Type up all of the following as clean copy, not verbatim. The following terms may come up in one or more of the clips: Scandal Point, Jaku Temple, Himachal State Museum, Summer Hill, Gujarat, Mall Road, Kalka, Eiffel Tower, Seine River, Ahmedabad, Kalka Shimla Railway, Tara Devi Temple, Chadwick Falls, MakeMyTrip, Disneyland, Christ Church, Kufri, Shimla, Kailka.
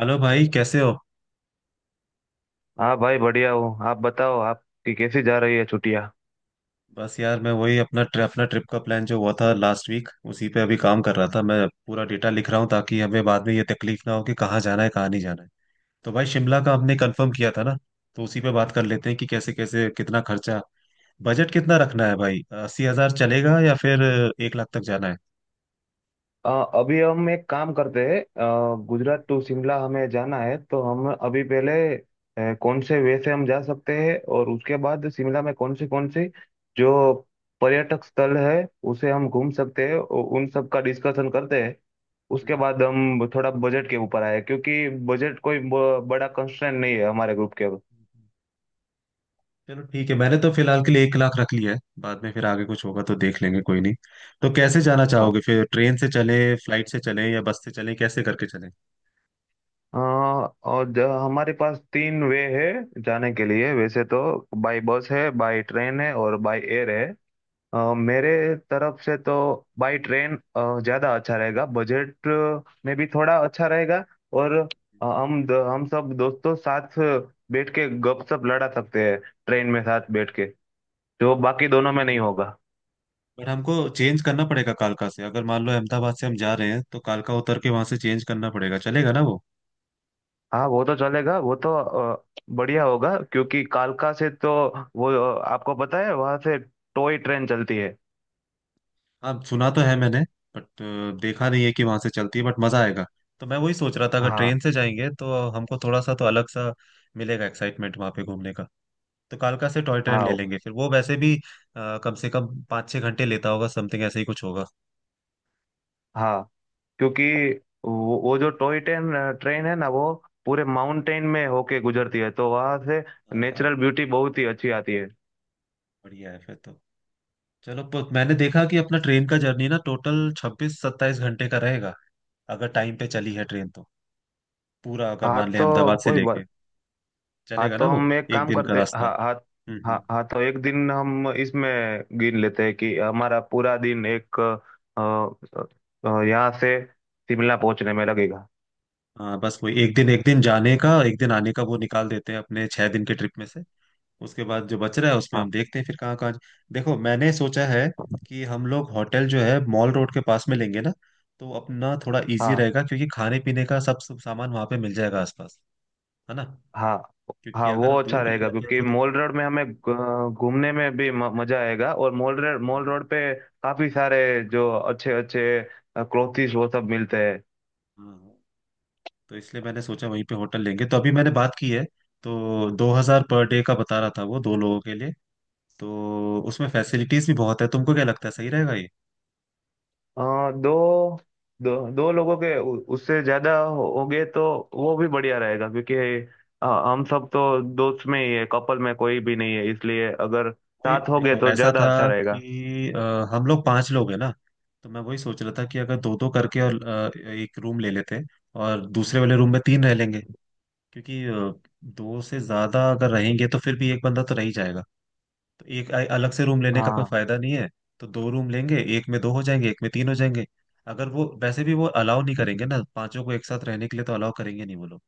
Hello भाई कैसे हो। हाँ भाई बढ़िया हूँ। आप बताओ, आपकी कैसी जा रही है छुट्टियाँ? बस यार मैं वही अपना ट्रिप का प्लान जो हुआ था लास्ट वीक उसी पे अभी काम कर रहा था। मैं पूरा डेटा लिख रहा हूँ ताकि हमें बाद में ये तकलीफ ना हो कि कहाँ जाना है कहाँ नहीं जाना है। तो भाई शिमला का हमने कंफर्म किया था ना। तो उसी पे बात कर लेते हैं कि कैसे कैसे कितना खर्चा, बजट कितना रखना है भाई? 80,000 चलेगा या फिर 1 लाख तक जाना है? अ, अभी हम एक काम करते हैं, हम्म। गुजरात टू शिमला हमें जाना है, तो हम अभी पहले कौन से वे से हम जा सकते हैं, और उसके बाद शिमला में कौन सी जो पर्यटक स्थल है उसे हम घूम सकते हैं, उन सब का डिस्कशन करते हैं। उसके बाद हम थोड़ा बजट के ऊपर आए, क्योंकि बजट कोई बड़ा कंस्ट्रेंट नहीं है हमारे ग्रुप के। चलो ठीक है, मैंने तो फिलहाल के लिए 1 लाख रख लिया है, बाद में फिर आगे कुछ होगा तो देख लेंगे, कोई नहीं। तो कैसे जाना हाँ। चाहोगे फिर? ट्रेन से चले, फ्लाइट से चले या बस से चले, कैसे करके चले? हाँ, और हमारे पास तीन वे है जाने के लिए वैसे तो। बाय बस है, बाय ट्रेन है, और बाय एयर है। मेरे तरफ से तो बाय ट्रेन ज़्यादा अच्छा रहेगा, बजट में भी थोड़ा अच्छा रहेगा। और हम हम सब दोस्तों साथ बैठ के गपशप लड़ा सकते हैं ट्रेन में साथ बैठ के, जो बाकी दोनों भी में नहीं ठीक है। होगा। बट हमको चेंज करना पड़ेगा कालका से, अगर मान लो अहमदाबाद से हम जा रहे हैं तो कालका उतर के वहां से चेंज करना पड़ेगा। चलेगा ना वो? हाँ, वो तो चलेगा। वो तो बढ़िया होगा, क्योंकि कालका से तो वो आपको पता है, वहां से टॉय ट्रेन चलती है। हाँ सुना तो है मैंने, बट देखा नहीं है कि वहां से चलती है, बट मजा आएगा। तो मैं वही सोच रहा था अगर हाँ। ट्रेन से जाएंगे तो हमको थोड़ा सा तो अलग सा मिलेगा एक्साइटमेंट वहां पे घूमने का। तो कालका से टॉय ट्रेन ले हाँ। लेंगे, फिर वो वैसे भी कम से कम 5-6 घंटे लेता होगा, समथिंग ऐसे ही कुछ होगा। हाँ, क्योंकि वो जो टॉय ट्रेन ट्रेन है ना, वो पूरे माउंटेन में होके गुजरती है, तो वहां से हाँ हाँ, नेचुरल ब्यूटी बहुत ही अच्छी आती है। बढ़िया है फिर तो। चलो मैंने देखा कि अपना ट्रेन का जर्नी ना टोटल 26-27 घंटे का रहेगा, अगर टाइम पे चली है ट्रेन तो। पूरा अगर हाँ मान ले तो अहमदाबाद से कोई लेके बात। हाँ चलेगा ना तो वो। हम एक एक काम दिन का करते, रास्ता। हाँ, हाँ। हाँ, हम्म। हाँ, तो एक दिन हम इसमें गिन लेते हैं कि हमारा पूरा दिन एक यहाँ से शिमला पहुंचने में लगेगा। हाँ बस वही एक दिन जाने का एक दिन आने का वो निकाल देते हैं अपने 6 दिन के ट्रिप में से। उसके बाद जो बच रहा है उसमें हाँ। हम देखते हैं फिर कहाँ कहाँ। देखो, मैंने सोचा है कि हम लोग होटल जो है मॉल रोड के पास में लेंगे ना, तो अपना थोड़ा इजी हाँ। रहेगा, क्योंकि खाने पीने का सब सब सामान वहां पे मिल जाएगा आसपास, है ना? हाँ। क्योंकि हाँ, अगर वो हम अच्छा दूर कहीं रहेगा, रहते हैं क्योंकि तो दिक्कत मॉल रोड में होगी। हमें घूमने में भी मजा आएगा, और मॉल हाँ रोड पे काफी सारे जो अच्छे अच्छे क्लोथिस वो सब मिलते हैं। हाँ, तो इसलिए मैंने सोचा वहीं पे होटल लेंगे, तो अभी मैंने बात की है। तो 2000 पर डे का बता रहा था, वो दो लोगों के लिए। तो उसमें फैसिलिटीज भी बहुत है, तुमको क्या लगता है सही रहेगा ये? दो दो दो लोगों के, उससे ज्यादा हो गए तो वो भी बढ़िया रहेगा, क्योंकि हम सब तो दोस्त में ही है, कपल में कोई भी नहीं है, इसलिए अगर वही साथ हो गए देखो, तो ऐसा ज्यादा था अच्छा रहेगा। कि हम लोग पांच लोग हैं ना। तो मैं वही सोच रहा था कि अगर दो दो करके और एक रूम ले लेते, और दूसरे वाले रूम में तीन रह लेंगे, क्योंकि दो से ज्यादा अगर रहेंगे तो फिर भी एक बंदा तो रह ही जाएगा, तो एक अलग से रूम लेने का कोई हाँ, फायदा नहीं है। तो दो रूम लेंगे, एक में दो हो जाएंगे, एक में तीन हो जाएंगे। अगर वो वैसे भी वो अलाउ नहीं करेंगे ना पांचों को एक साथ रहने के लिए, तो अलाउ करेंगे नहीं वो लोग।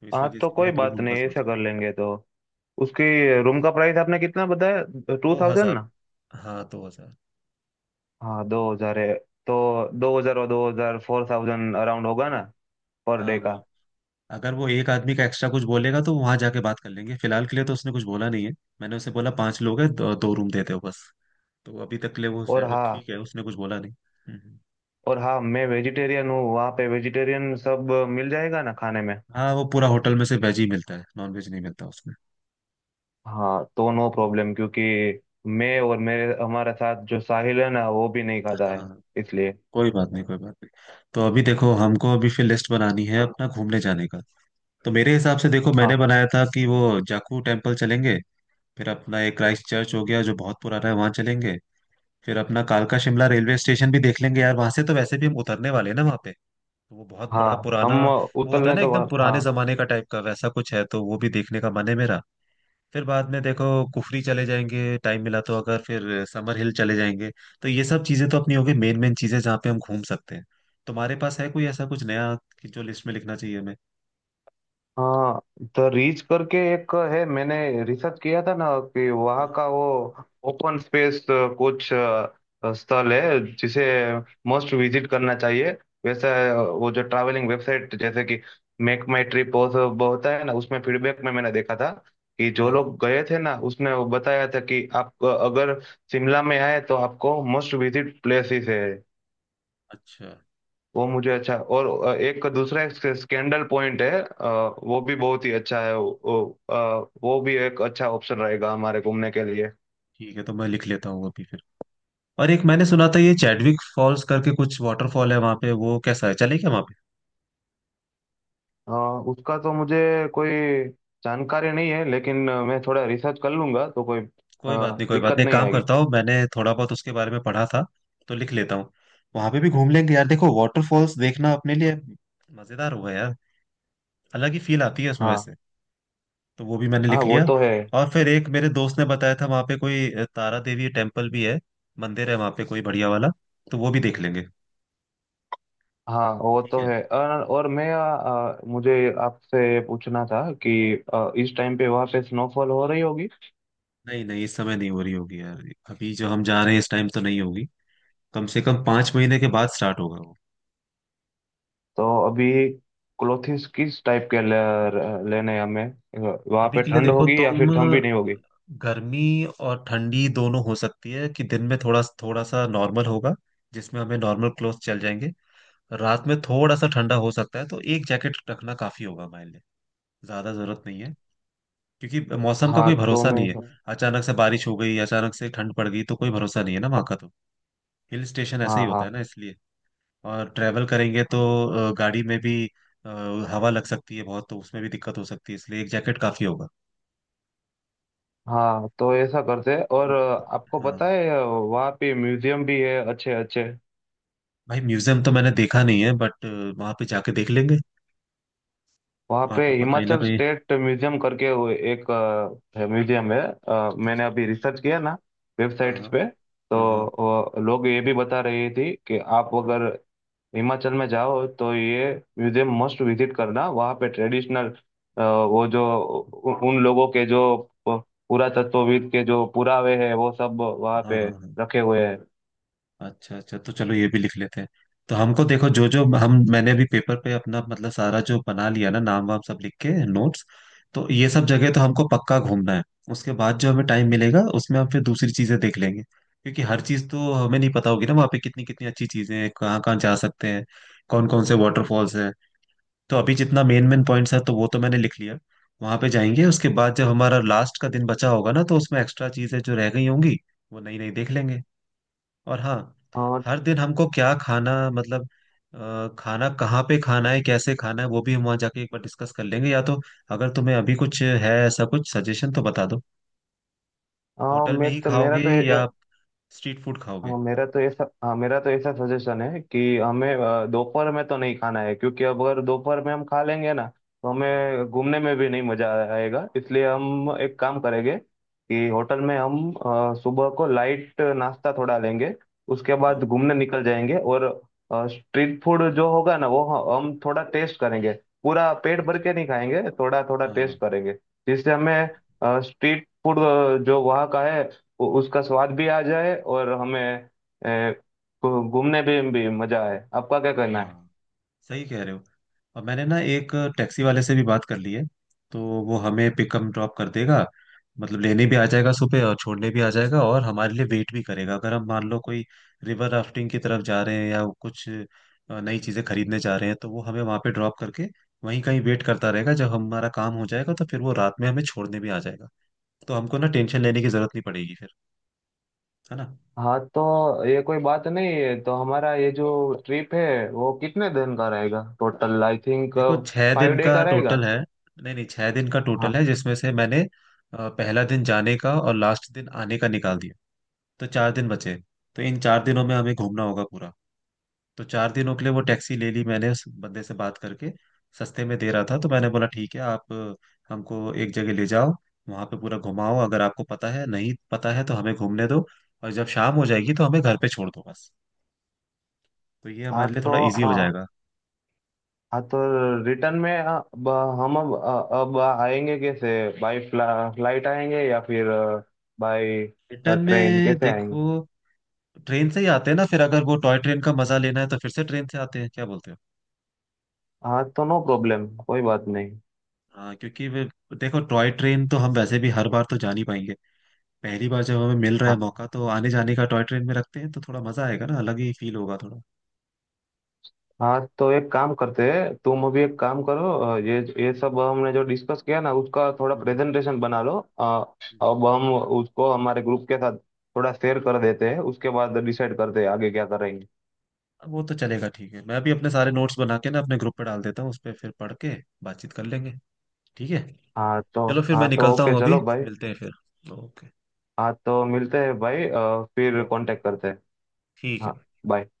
तो इस हाँ, वजह तो से मैंने कोई दो बात रूम का नहीं, ऐसा सोचा। कर लेंगे तो। उसकी रूम का प्राइस आपने कितना बताया? टू दो थाउजेंड हजार हाँ 2000। हाँ, 2000 है। तो 2000 और 2000 4000 अराउंड होगा हम्म, ना? पर हाँ डे का। वही। अगर वो एक आदमी का एक्स्ट्रा कुछ बोलेगा तो वहां जाके बात कर लेंगे। फिलहाल के लिए तो उसने कुछ बोला नहीं है। मैंने उसे बोला पांच लोग हैं, दो, दो रूम देते हो बस। तो अभी तक के लिए वो और हाँ। ठीक है, उसने कुछ बोला नहीं। हम्म, और हाँ, मैं वेजिटेरियन हूँ, वहाँ पे वेजिटेरियन सब मिल जाएगा ना खाने में? हाँ वो पूरा होटल में से वेज ही मिलता है, नॉन वेज नहीं मिलता उसमें। हाँ तो नो प्रॉब्लम, क्योंकि मैं और मेरे हमारे साथ जो साहिल है ना, वो भी नहीं खाता है, हाँ, इसलिए। कोई बात नहीं कोई बात नहीं। तो अभी देखो हमको अभी फिर लिस्ट बनानी है अपना घूमने जाने का। तो मेरे हिसाब से देखो मैंने हाँ, बनाया था कि वो जाकू टेम्पल चलेंगे। फिर अपना एक क्राइस्ट चर्च हो गया जो बहुत पुराना है, वहां चलेंगे। फिर अपना कालका शिमला रेलवे स्टेशन भी देख लेंगे यार, वहां से तो वैसे भी हम उतरने वाले हैं ना वहां पे, तो वो बहुत बड़ा हाँ, पुराना हम वो होता है उतलने ना, तो, एकदम हाँ, पुराने जमाने का टाइप का वैसा कुछ है, तो वो भी देखने का मन है मेरा। फिर बाद में देखो, कुफरी चले जाएंगे, टाइम मिला तो अगर। फिर समर हिल चले जाएंगे। तो ये सब चीजें तो अपनी होगी मेन मेन चीजें, जहाँ पे हम घूम सकते हैं। तुम्हारे पास है कोई ऐसा कुछ नया कि जो लिस्ट में लिखना चाहिए हमें? हाँ। द रीच करके एक है, मैंने रिसर्च किया था ना, कि वहाँ हाँ का वो ओपन स्पेस कुछ स्थल है जिसे मस्ट विजिट करना चाहिए, वैसा। वो जो ट्रैवलिंग वेबसाइट जैसे कि मेक माई ट्रिप होता है ना, उसमें फीडबैक में मैंने देखा था कि जो हाँ हाँ, लोग गए थे ना, उसने वो बताया था कि आप अगर शिमला में आए तो आपको मस्ट विजिट प्लेसेस है। अच्छा वो मुझे अच्छा। और एक दूसरा एक स्कैंडल पॉइंट है, वो भी बहुत ही अच्छा है। वो भी एक अच्छा ऑप्शन रहेगा हमारे घूमने के लिए। ठीक है। तो मैं लिख लेता हूँ अभी फिर। और एक मैंने सुना था ये चैडविक फॉल्स करके कुछ वाटरफॉल है वहाँ पे, वो कैसा है? चले क्या वहाँ पे? अ, उसका तो मुझे कोई जानकारी नहीं है, लेकिन मैं थोड़ा रिसर्च कर लूंगा, तो कोई कोई बात नहीं कोई बात दिक्कत नहीं, एक नहीं काम आएगी। करता हूँ, मैंने थोड़ा बहुत उसके बारे में पढ़ा था, तो लिख लेता हूँ, वहाँ पे भी घूम लेंगे यार। देखो वाटरफॉल्स देखना अपने लिए मजेदार होगा यार, अलग ही फील आती है उसमें हाँ। वैसे। तो वो भी मैंने हाँ, लिख वो लिया। तो है। और फिर एक मेरे दोस्त ने बताया था वहां पे कोई तारा देवी टेम्पल भी है, मंदिर है वहां पे कोई बढ़िया वाला, तो वो भी देख लेंगे। हाँ, वो ठीक तो है। है। और मैं मुझे आपसे पूछना था कि इस टाइम पे वहाँ पे स्नोफॉल हो रही होगी? नहीं नहीं, इस समय नहीं हो रही होगी यार। अभी जो हम जा रहे हैं इस टाइम तो नहीं होगी, कम से कम 5 महीने के बाद स्टार्ट होगा वो। तो अभी क्लोथिंग्स किस टाइप के लेने हैं हमें? वहाँ अभी पे के लिए ठंड देखो होगी या फिर तुम, ठंड भी नहीं होगी? गर्मी और ठंडी दोनों हो सकती है कि दिन में थोड़ा थोड़ा सा नॉर्मल होगा, जिसमें हमें नॉर्मल क्लोथ चल जाएंगे। रात में थोड़ा सा ठंडा हो सकता है, तो एक जैकेट रखना काफी होगा हमारे लिए। ज्यादा जरूरत नहीं है, क्योंकि मौसम का हाँ कोई तो भरोसा मैं नहीं है। ऐसा। अचानक से बारिश हो गई, अचानक से ठंड पड़ गई, तो कोई भरोसा नहीं है ना वहाँ का तो। हिल स्टेशन हाँ, ऐसे ही होता हाँ, है ना, इसलिए। और ट्रैवल करेंगे तो गाड़ी में भी अ, हवा लग सकती है बहुत, तो उसमें भी दिक्कत हो सकती है, इसलिए एक जैकेट काफी होगा। हाँ, तो ऐसा करते हैं, और आपको हाँ पता है वहाँ पे म्यूजियम भी है अच्छे अच्छे। भाई, म्यूजियम तो मैंने देखा नहीं है, बट वहां पे जाके देख लेंगे। वहाँ वहां पे पे कहीं ना हिमाचल कहीं। स्टेट म्यूजियम करके वो एक म्यूजियम है। मैंने अच्छा। अभी रिसर्च किया ना हाँ वेबसाइट्स हाँ। पे, हाँ तो हाँ। लोग ये भी बता रहे थे कि आप अगर हिमाचल में जाओ तो ये म्यूजियम मस्ट विजिट करना। वहाँ पे ट्रेडिशनल वो जो उन लोगों के जो प- पुरातत्वविद के जो पुरावे हैं वो सब वहाँ हाँ पे हाँ हाँ। रखे हुए हैं। अच्छा अच्छा, तो चलो ये भी लिख लेते हैं। तो हमको देखो जो जो हम मैंने अभी पेपर पे अपना मतलब सारा जो बना लिया ना, नाम वाम सब लिख के नोट्स। तो ये सब जगह तो हमको पक्का घूमना है। उसके बाद जो हमें टाइम मिलेगा उसमें हम फिर दूसरी चीजें देख लेंगे, क्योंकि हर चीज तो हमें नहीं पता होगी ना, वहाँ पे कितनी कितनी अच्छी चीजें हैं, कहाँ कहाँ जा सकते हैं, कौन कौन से वाटरफॉल्स हैं। तो अभी जितना मेन मेन पॉइंट्स है तो वो तो मैंने लिख लिया। वहां पे जाएंगे, उसके बाद जब हमारा लास्ट का दिन बचा होगा ना तो उसमें एक्स्ट्रा चीजें जो रह गई होंगी वो नई नई देख लेंगे। और हाँ, और हर दिन हमको क्या खाना मतलब खाना कहाँ पे खाना है, कैसे खाना है, वो भी हम वहाँ जाके एक बार डिस्कस कर लेंगे। या तो अगर तुम्हें अभी कुछ है ऐसा कुछ सजेशन तो बता दो। होटल में मैं ही तो मेरा खाओगे तो। या स्ट्रीट फूड खाओगे? हाँ, मेरा तो ऐसा। हाँ, मेरा तो ऐसा सजेशन है कि हमें दोपहर में तो नहीं खाना है, क्योंकि अब अगर दोपहर में हम खा लेंगे ना तो हम्म, हमें घूमने में भी नहीं मजा आएगा। इसलिए हम हम्म, एक काम करेंगे कि होटल में हम सुबह को लाइट नाश्ता थोड़ा लेंगे, उसके हाँ बाद घूमने निकल जाएंगे। और स्ट्रीट फूड जो होगा ना, वो हम थोड़ा टेस्ट करेंगे, पूरा पेट भर अच्छा। के नहीं खाएंगे, थोड़ा थोड़ा हाँ हाँ। टेस्ट करेंगे, जिससे हमें स्ट्रीट फूड जो वहाँ का है उसका स्वाद भी आ जाए, और हमें ए, घूमने भी मजा आए। आपका क्या कहना है? हाँ, सही कह रहे हो। और मैंने ना एक टैक्सी वाले से भी बात कर ली है, तो वो हमें पिकअप ड्रॉप कर देगा। मतलब लेने भी आ जाएगा सुबह और छोड़ने भी आ जाएगा, और हमारे लिए वेट भी करेगा। अगर हम मान लो कोई रिवर राफ्टिंग की तरफ जा रहे हैं या कुछ नई चीजें खरीदने जा रहे हैं, तो वो हमें वहां पे ड्रॉप करके वहीं कहीं वेट करता रहेगा। जब हमारा काम हो जाएगा तो फिर वो रात में हमें छोड़ने भी आ जाएगा। तो हमको ना टेंशन लेने की जरूरत नहीं पड़ेगी फिर, है ना? हाँ, तो ये कोई बात नहीं है। तो हमारा ये जो ट्रिप है वो कितने दिन का रहेगा टोटल? आई थिंक देखो छह फाइव दिन डे का का रहेगा। टोटल है। नहीं नहीं, 6 दिन का टोटल हाँ। है जिसमें से मैंने पहला दिन जाने का और लास्ट दिन आने का निकाल दिया, तो 4 दिन बचे। तो इन 4 दिनों में हमें घूमना होगा पूरा। तो 4 दिनों के लिए वो टैक्सी ले ली मैंने उस बंदे से बात करके, सस्ते में दे रहा था, तो मैंने बोला ठीक है, आप हमको एक जगह ले जाओ, वहां पे पूरा घुमाओ, अगर आपको पता है नहीं पता है तो हमें घूमने दो, और जब शाम हो जाएगी तो हमें घर पे छोड़ दो बस। तो ये हाँ हमारे लिए तो थोड़ा इजी हो जाएगा। हाँ तो रिटर्न में अब हम अब आएंगे कैसे, बाय फ्लाइट आएंगे या फिर बाय रिटर्न ट्रेन में कैसे आएंगे? देखो ट्रेन से ही आते हैं ना फिर, अगर वो टॉय ट्रेन का मजा लेना है तो फिर से ट्रेन से आते हैं, क्या बोलते हो? हाँ तो नो प्रॉब्लम, कोई बात नहीं। हाँ, हाँ, क्योंकि वे देखो टॉय ट्रेन तो हम वैसे भी हर बार तो जा नहीं पाएंगे, पहली बार जब हमें मिल रहा है मौका तो आने जाने का टॉय ट्रेन में रखते हैं, तो थोड़ा मजा आएगा ना, अलग ही फील होगा थोड़ा। हाँ, तो एक काम करते हैं, तुम अभी एक काम करो, ये सब हमने जो डिस्कस किया ना उसका थोड़ा हम्म प्रेजेंटेशन बना लो, हम्म। अब हम उसको हमारे ग्रुप के साथ थोड़ा शेयर कर देते हैं, उसके बाद डिसाइड करते हैं आगे क्या करेंगे। वो तो चलेगा ठीक है, मैं भी अपने सारे नोट्स बना के ना अपने ग्रुप पे डाल देता हूँ, उस पर फिर पढ़ के बातचीत कर लेंगे। ठीक है। हाँ तो, चलो फिर मैं हाँ तो निकलता ओके, हूँ अभी। चलो भाई। मिलते हैं फिर। ओके। हाँ तो मिलते हैं भाई, फिर ओके। कांटेक्ट करते हैं। ठीक हाँ। है। bye।